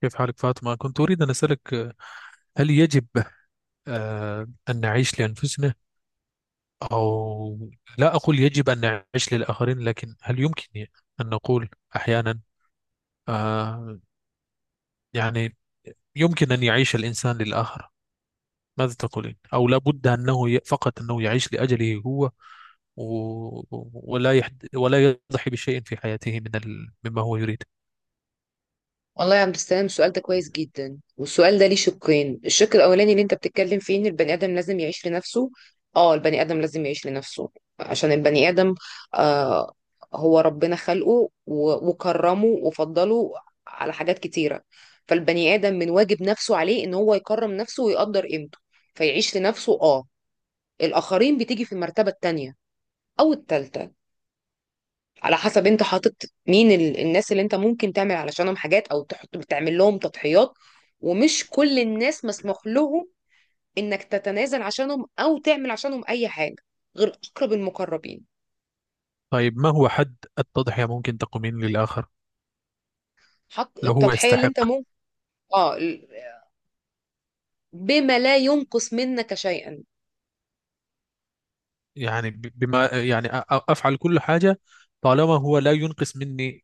كيف حالك فاطمة؟ كنت أريد أن أسألك هل يجب أن نعيش لأنفسنا، أو لا أقول يجب أن نعيش للآخرين، لكن هل يمكن أن نقول أحيانا آه، يعني يمكن أن يعيش الإنسان للآخر؟ ماذا تقولين؟ أو لا بد أنه فقط أنه يعيش لأجله هو، و- ولا يحد ولا يضحي بشيء في حياته مما هو يريد. والله يا عبد السلام، السؤال ده كويس جدا. والسؤال ده ليه شقين: الشق الاولاني اللي انت بتتكلم فيه ان البني ادم لازم يعيش لنفسه. اه، البني ادم لازم يعيش لنفسه عشان البني ادم. آه هو ربنا خلقه وكرمه وفضله على حاجات كتيره. فالبني ادم من واجب نفسه عليه ان هو يكرم نفسه ويقدر قيمته، فيعيش لنفسه. اه الاخرين بتيجي في المرتبه التانيه او التالته، على حسب انت حاطط مين الناس اللي انت ممكن تعمل علشانهم حاجات او تحط بتعمل لهم تضحيات. ومش كل الناس مسموح لهم انك تتنازل عشانهم او تعمل عشانهم اي حاجه، غير اقرب المقربين. طيب، ما هو حد التضحية ممكن تقومين للآخر حط لو هو التضحيه اللي يستحق؟ انت ممكن. اه ال- بما لا ينقص منك شيئا. يعني بما يعني أفعل كل حاجة طالما هو لا ينقص مني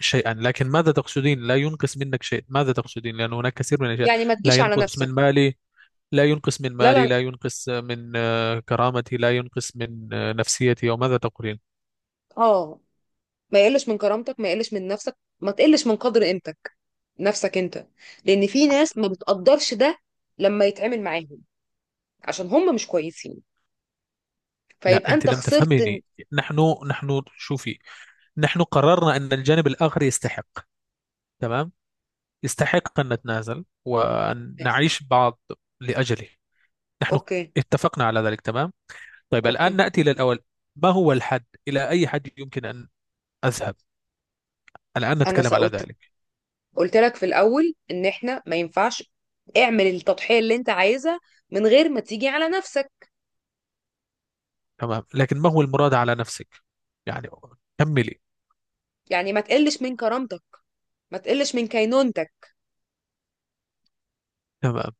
شيئا. لكن ماذا تقصدين لا ينقص منك شيء؟ ماذا تقصدين؟ لأن هناك كثير من الأشياء. يعني ما لا تجيش على ينقص من نفسك. مالي، لا ينقص من لا لا مالي، لا. لا ينقص من كرامتي، لا ينقص من نفسيتي، وماذا تقولين؟ اه، ما يقلش من كرامتك، ما يقلش من نفسك، ما تقلش من قدر قيمتك، نفسك انت. لان في ناس ما بتقدرش ده لما يتعامل معاهم، عشان هم مش كويسين، لا، فيبقى أنت انت لم خسرت. تفهميني. نحن شوفي، نحن قررنا أن الجانب الآخر يستحق. تمام، يستحق أن نتنازل وأن ماشي. نعيش بعض لأجله. نحن اوكي. اتفقنا على ذلك، تمام. طيب الآن اوكي. نأتي إلى الأول، ما هو الحد؟ إلى أي حد يمكن أن أذهب؟ الآن انا نتكلم على قلت ذلك. قلت لك في الاول ان احنا ما ينفعش اعمل التضحية اللي انت عايزها من غير ما تيجي على نفسك. تمام، لكن ما هو المراد على نفسك؟ يعني كملي. يعني ما تقلش من كرامتك، ما تقلش من كينونتك. تمام،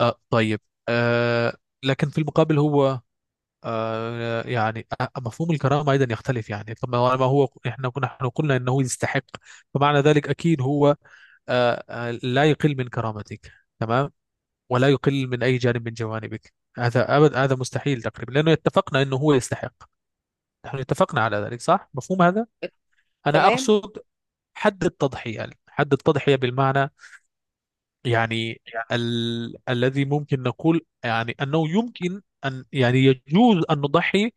طيب. آه لكن في المقابل هو يعني، مفهوم الكرامة أيضا يختلف، يعني طبعا، ما ما هو، إحنا قلنا أنه يستحق، فمعنى ذلك أكيد هو لا يقل من كرامتك، تمام، ولا يقل من أي جانب من جوانبك. هذا أبد، هذا مستحيل تقريبا، لأنه اتفقنا أنه هو يستحق. نحن اتفقنا على ذلك، صح؟ مفهوم هذا؟ أنا تمام. أقصد حد التضحية، يعني حد التضحية بالمعنى، يعني الذي ممكن نقول يعني أنه يمكن أن، يعني يجوز أن نضحي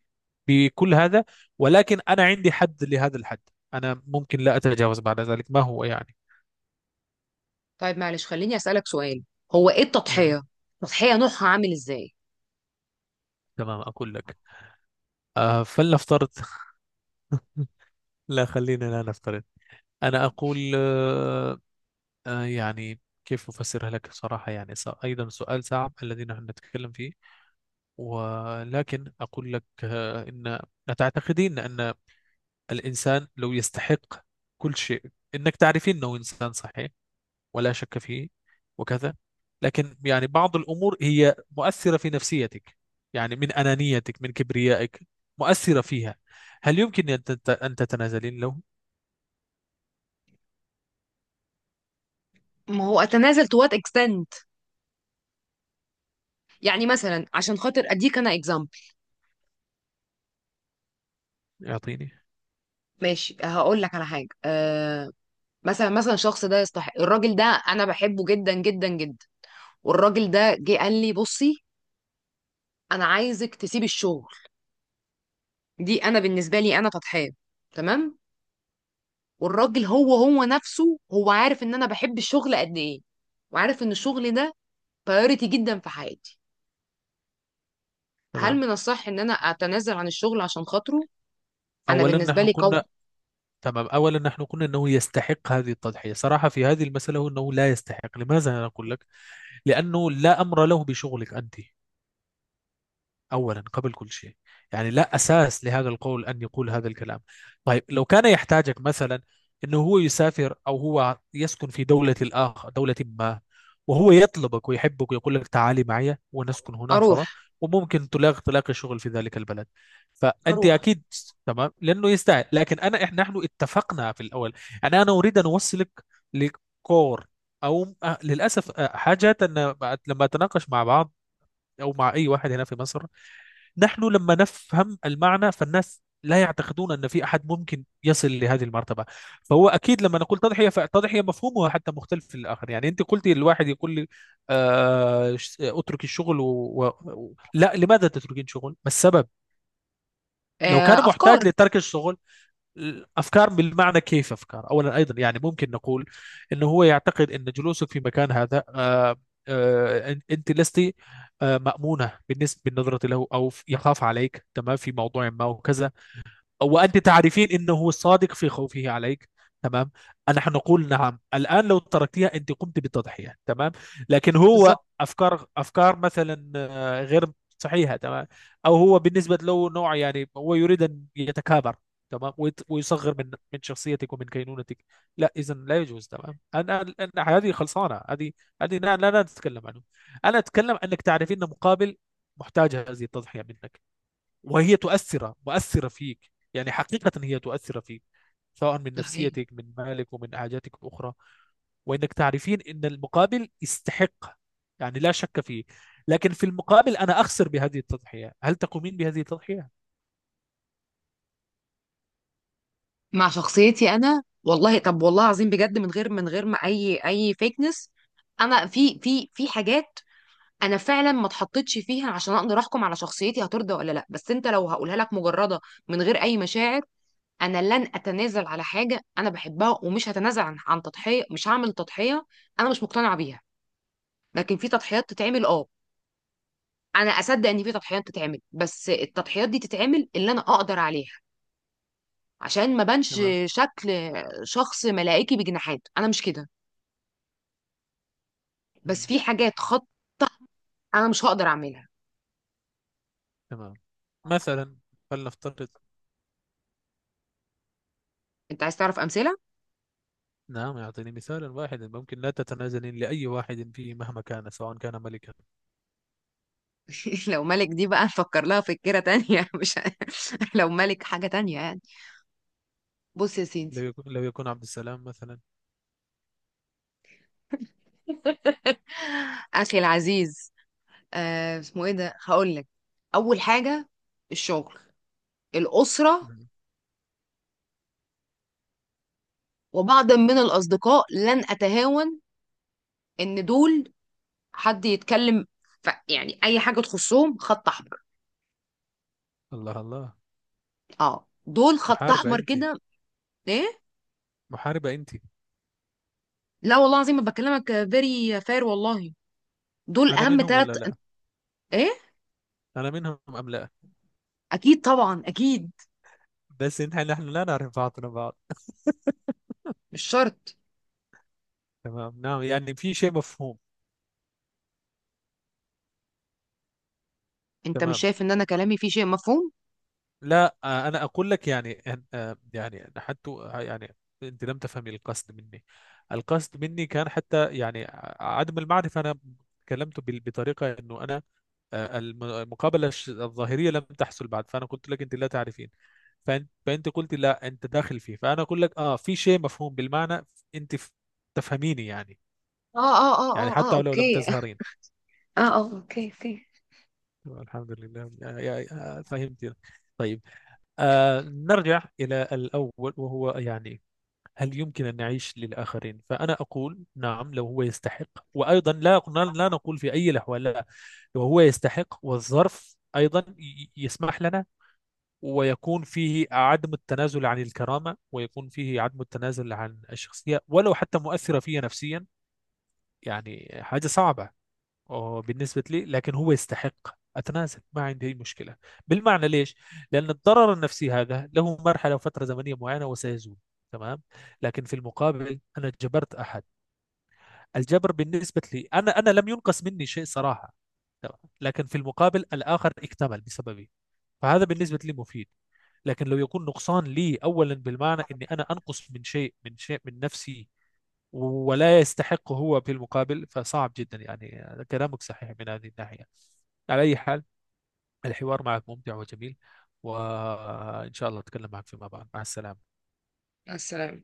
بكل هذا، ولكن أنا عندي حد لهذا الحد. أنا ممكن لا أتجاوز بعد ذلك، ما هو يعني. طيب معلش، خليني اسالك سؤال: هو ايه مم. التضحية؟ التضحية نوعها عامل ازاي؟ تمام أقول لك. فلنفترض لا، خلينا لا نفترض. أنا أقول يعني كيف أفسرها لك صراحة؟ يعني أيضا سؤال صعب الذي نحن نتكلم فيه، ولكن أقول لك إن، أتعتقدين أن الإنسان لو يستحق كل شيء، إنك تعرفين أنه إنسان صحيح ولا شك فيه وكذا، لكن يعني بعض الأمور هي مؤثرة في نفسيتك، يعني من أنانيتك، من كبريائك، مؤثرة فيها، هل يمكن أن أن تتنازلين له؟ ما هو اتنازل تو وات اكستنت؟ يعني مثلا عشان خاطر اديك انا اكزامبل. يعطيني. ماشي، هقول لك على حاجه. مثلا، الشخص ده يستحق. الراجل ده انا بحبه جدا جدا جدا. والراجل ده جه قال لي: بصي، انا عايزك تسيبي الشغل. دي انا بالنسبه لي انا فتحان، تمام. والراجل هو هو نفسه هو عارف ان انا بحب الشغل قد ايه، وعارف ان الشغل ده بايوريتي جدا في حياتي. هل تمام، من الصح ان انا اتنازل عن الشغل عشان خاطره؟ انا أولا بالنسبه نحن لي قوي. قلنا، تمام، أولا نحن قلنا أنه يستحق هذه التضحية. صراحة في هذه المسألة هو أنه لا يستحق. لماذا أنا أقول لك؟ لأنه لا أمر له بشغلك أنت، أولا قبل كل شيء. يعني لا أساس لهذا القول أن يقول هذا الكلام. طيب لو كان يحتاجك مثلا، أنه هو يسافر أو هو يسكن في دولة الآخر، دولة ما، وهو يطلبك ويحبك ويقول لك تعالي معي ونسكن هنا اروح. سوا، وممكن تلاقي تلاقي شغل في ذلك البلد، فأنت هروح. أكيد، تمام، لأنه يستاهل. لكن أنا، إحنا نحن اتفقنا في الأول، يعني أنا أريد أن أوصلك لكور، أو للأسف حاجات أن لما أتناقش مع بعض، أو مع أي واحد هنا في مصر، نحن لما نفهم المعنى، فالناس لا يعتقدون أن في أحد ممكن يصل لهذه المرتبة. فهو أكيد لما نقول تضحية، فالتضحية مفهومها حتى مختلف في الآخر، يعني أنت قلتي الواحد يقول لي، أترك الشغل لا، لماذا تتركين شغل؟ ما السبب؟ لو كان افكار. محتاج لترك الشغل، أفكار بالمعنى كيف أفكار؟ أولا أيضا يعني ممكن نقول أنه هو يعتقد أن جلوسك في مكان هذا أنت لست مأمونة بالنسبة بالنظرة له، أو يخاف عليك تمام في موضوع ما وكذا، وأنت تعرفين أنه صادق في خوفه عليك، تمام. نحن نقول نعم، الآن لو تركتها أنت قمت بالتضحية، تمام. لكن بالظبط. هو أفكار أفكار مثلا غير صحيحة، تمام. أو هو بالنسبة له نوع يعني هو يريد أن يتكابر، تمام، ويصغر من شخصيتك ومن كينونتك. لا، إذا لا يجوز، تمام. أنا هذه خلصانة، هذه، هذه لا لا لا نتكلم عنه. أنا أتكلم أنك تعرفين أن مقابل محتاج هذه التضحية منك، وهي تؤثر مؤثرة فيك، يعني حقيقة هي تؤثر فيك سواء من ده حقيقي. نفسيتك، من مالك، ومن حاجاتك الأخرى، وإنك تعرفين إن المقابل يستحق، يعني لا شك فيه، لكن في المقابل أنا أخسر بهذه التضحية، هل تقومين بهذه التضحية؟ مع شخصيتي انا، والله. طب والله العظيم، بجد، من غير ما اي فيكنس، انا في حاجات انا فعلا ما اتحطيتش فيها عشان اقدر احكم على شخصيتي هترضى ولا لا. بس انت لو هقولها لك مجرده، من غير اي مشاعر، انا لن اتنازل على حاجه انا بحبها، ومش هتنازل عن تضحيه. مش هعمل تضحيه انا مش مقتنعه بيها. لكن في تضحيات تتعمل، انا اصدق ان في تضحيات تتعمل، بس التضحيات دي تتعمل اللي انا اقدر عليها. عشان ما بانش تمام. شكل شخص ملائكي بجناحات، انا مش كده. بس مم. في حاجات خط، انا مش هقدر اعملها. تمام، مثلا، فلنفترض، انت عايز تعرف امثله؟ نعم يعطيني مثالا واحدا ممكن لا تتنازلين لأي واحد فيه مهما كان، سواء كان ملكا. لو ملك، دي بقى نفكر لها فكرة تانية. مش. لو ملك حاجة تانية، يعني. بص يا لو سيدي، يكون, لو يكون عبد السلام مثلا. أخي العزيز، اسمه إيه ده، هقول لك. أول حاجة: الشغل، الأسرة، مم. وبعض من الأصدقاء، لن أتهاون. إن دول حد يتكلم يعني، أي حاجة تخصهم خط أحمر. الله الله، أه، دول خط محاربة أحمر أنت، كده. إيه. محاربة أنت. لا والله العظيم ما بكلمك، فيري فير والله. دول انا أهم منهم ثلاث. ولا لا؟ إيه. انا منهم ام لا؟ أكيد طبعا، أكيد. بس انت، نحن لا نعرف بعضنا بعض. مش شرط. تمام، نعم، يعني في شيء مفهوم. انت مش تمام، شايف ان انا كلامي فيه شيء مفهوم؟ لا، انا اقول لك يعني يعني حتى يعني انت لم تفهمي القصد مني. القصد مني كان حتى يعني عدم المعرفه، انا تكلمت بطريقه انه انا المقابله الظاهريه لم تحصل بعد، فانا قلت لك انت لا تعرفين، فانت قلت لا انت داخل فيه، فانا اقول لك اه في شيء مفهوم بالمعنى، انت تفهميني يعني. اه، اه، اه، يعني اه، اه، حتى ولو لم اوكي. اه، تزهرين. اه، اوكي، اوكي. الحمد لله، فهمت. طيب، نرجع إلى الأول وهو يعني، هل يمكن أن نعيش للآخرين؟ فأنا أقول نعم لو هو يستحق، وأيضا لا، لا نقول في أي الأحوال لا. لو هو يستحق والظرف أيضا يسمح لنا، ويكون فيه عدم التنازل عن الكرامة، ويكون فيه عدم التنازل عن الشخصية، ولو حتى مؤثرة فيا نفسيا، يعني حاجة صعبة اه بالنسبة لي، لكن هو يستحق، أتنازل، ما عندي أي مشكلة. بالمعنى ليش؟ لأن الضرر النفسي هذا له مرحلة وفترة زمنية معينة وسيزول، تمام. لكن في المقابل أنا جبرت أحد. الجبر بالنسبة لي أنا لم ينقص مني شيء صراحة، تمام؟ لكن في المقابل الآخر اكتمل بسببي، فهذا بالنسبة لي مفيد. لكن لو يكون نقصان لي أولا بالمعنى أني أنا أنقص من شيء من نفسي، ولا يستحق هو في المقابل، فصعب جدا. يعني كلامك صحيح من هذه الناحية. على أي حال، الحوار معك ممتع وجميل، وإن شاء الله أتكلم معك فيما بعد. مع السلامة. مع السلامة.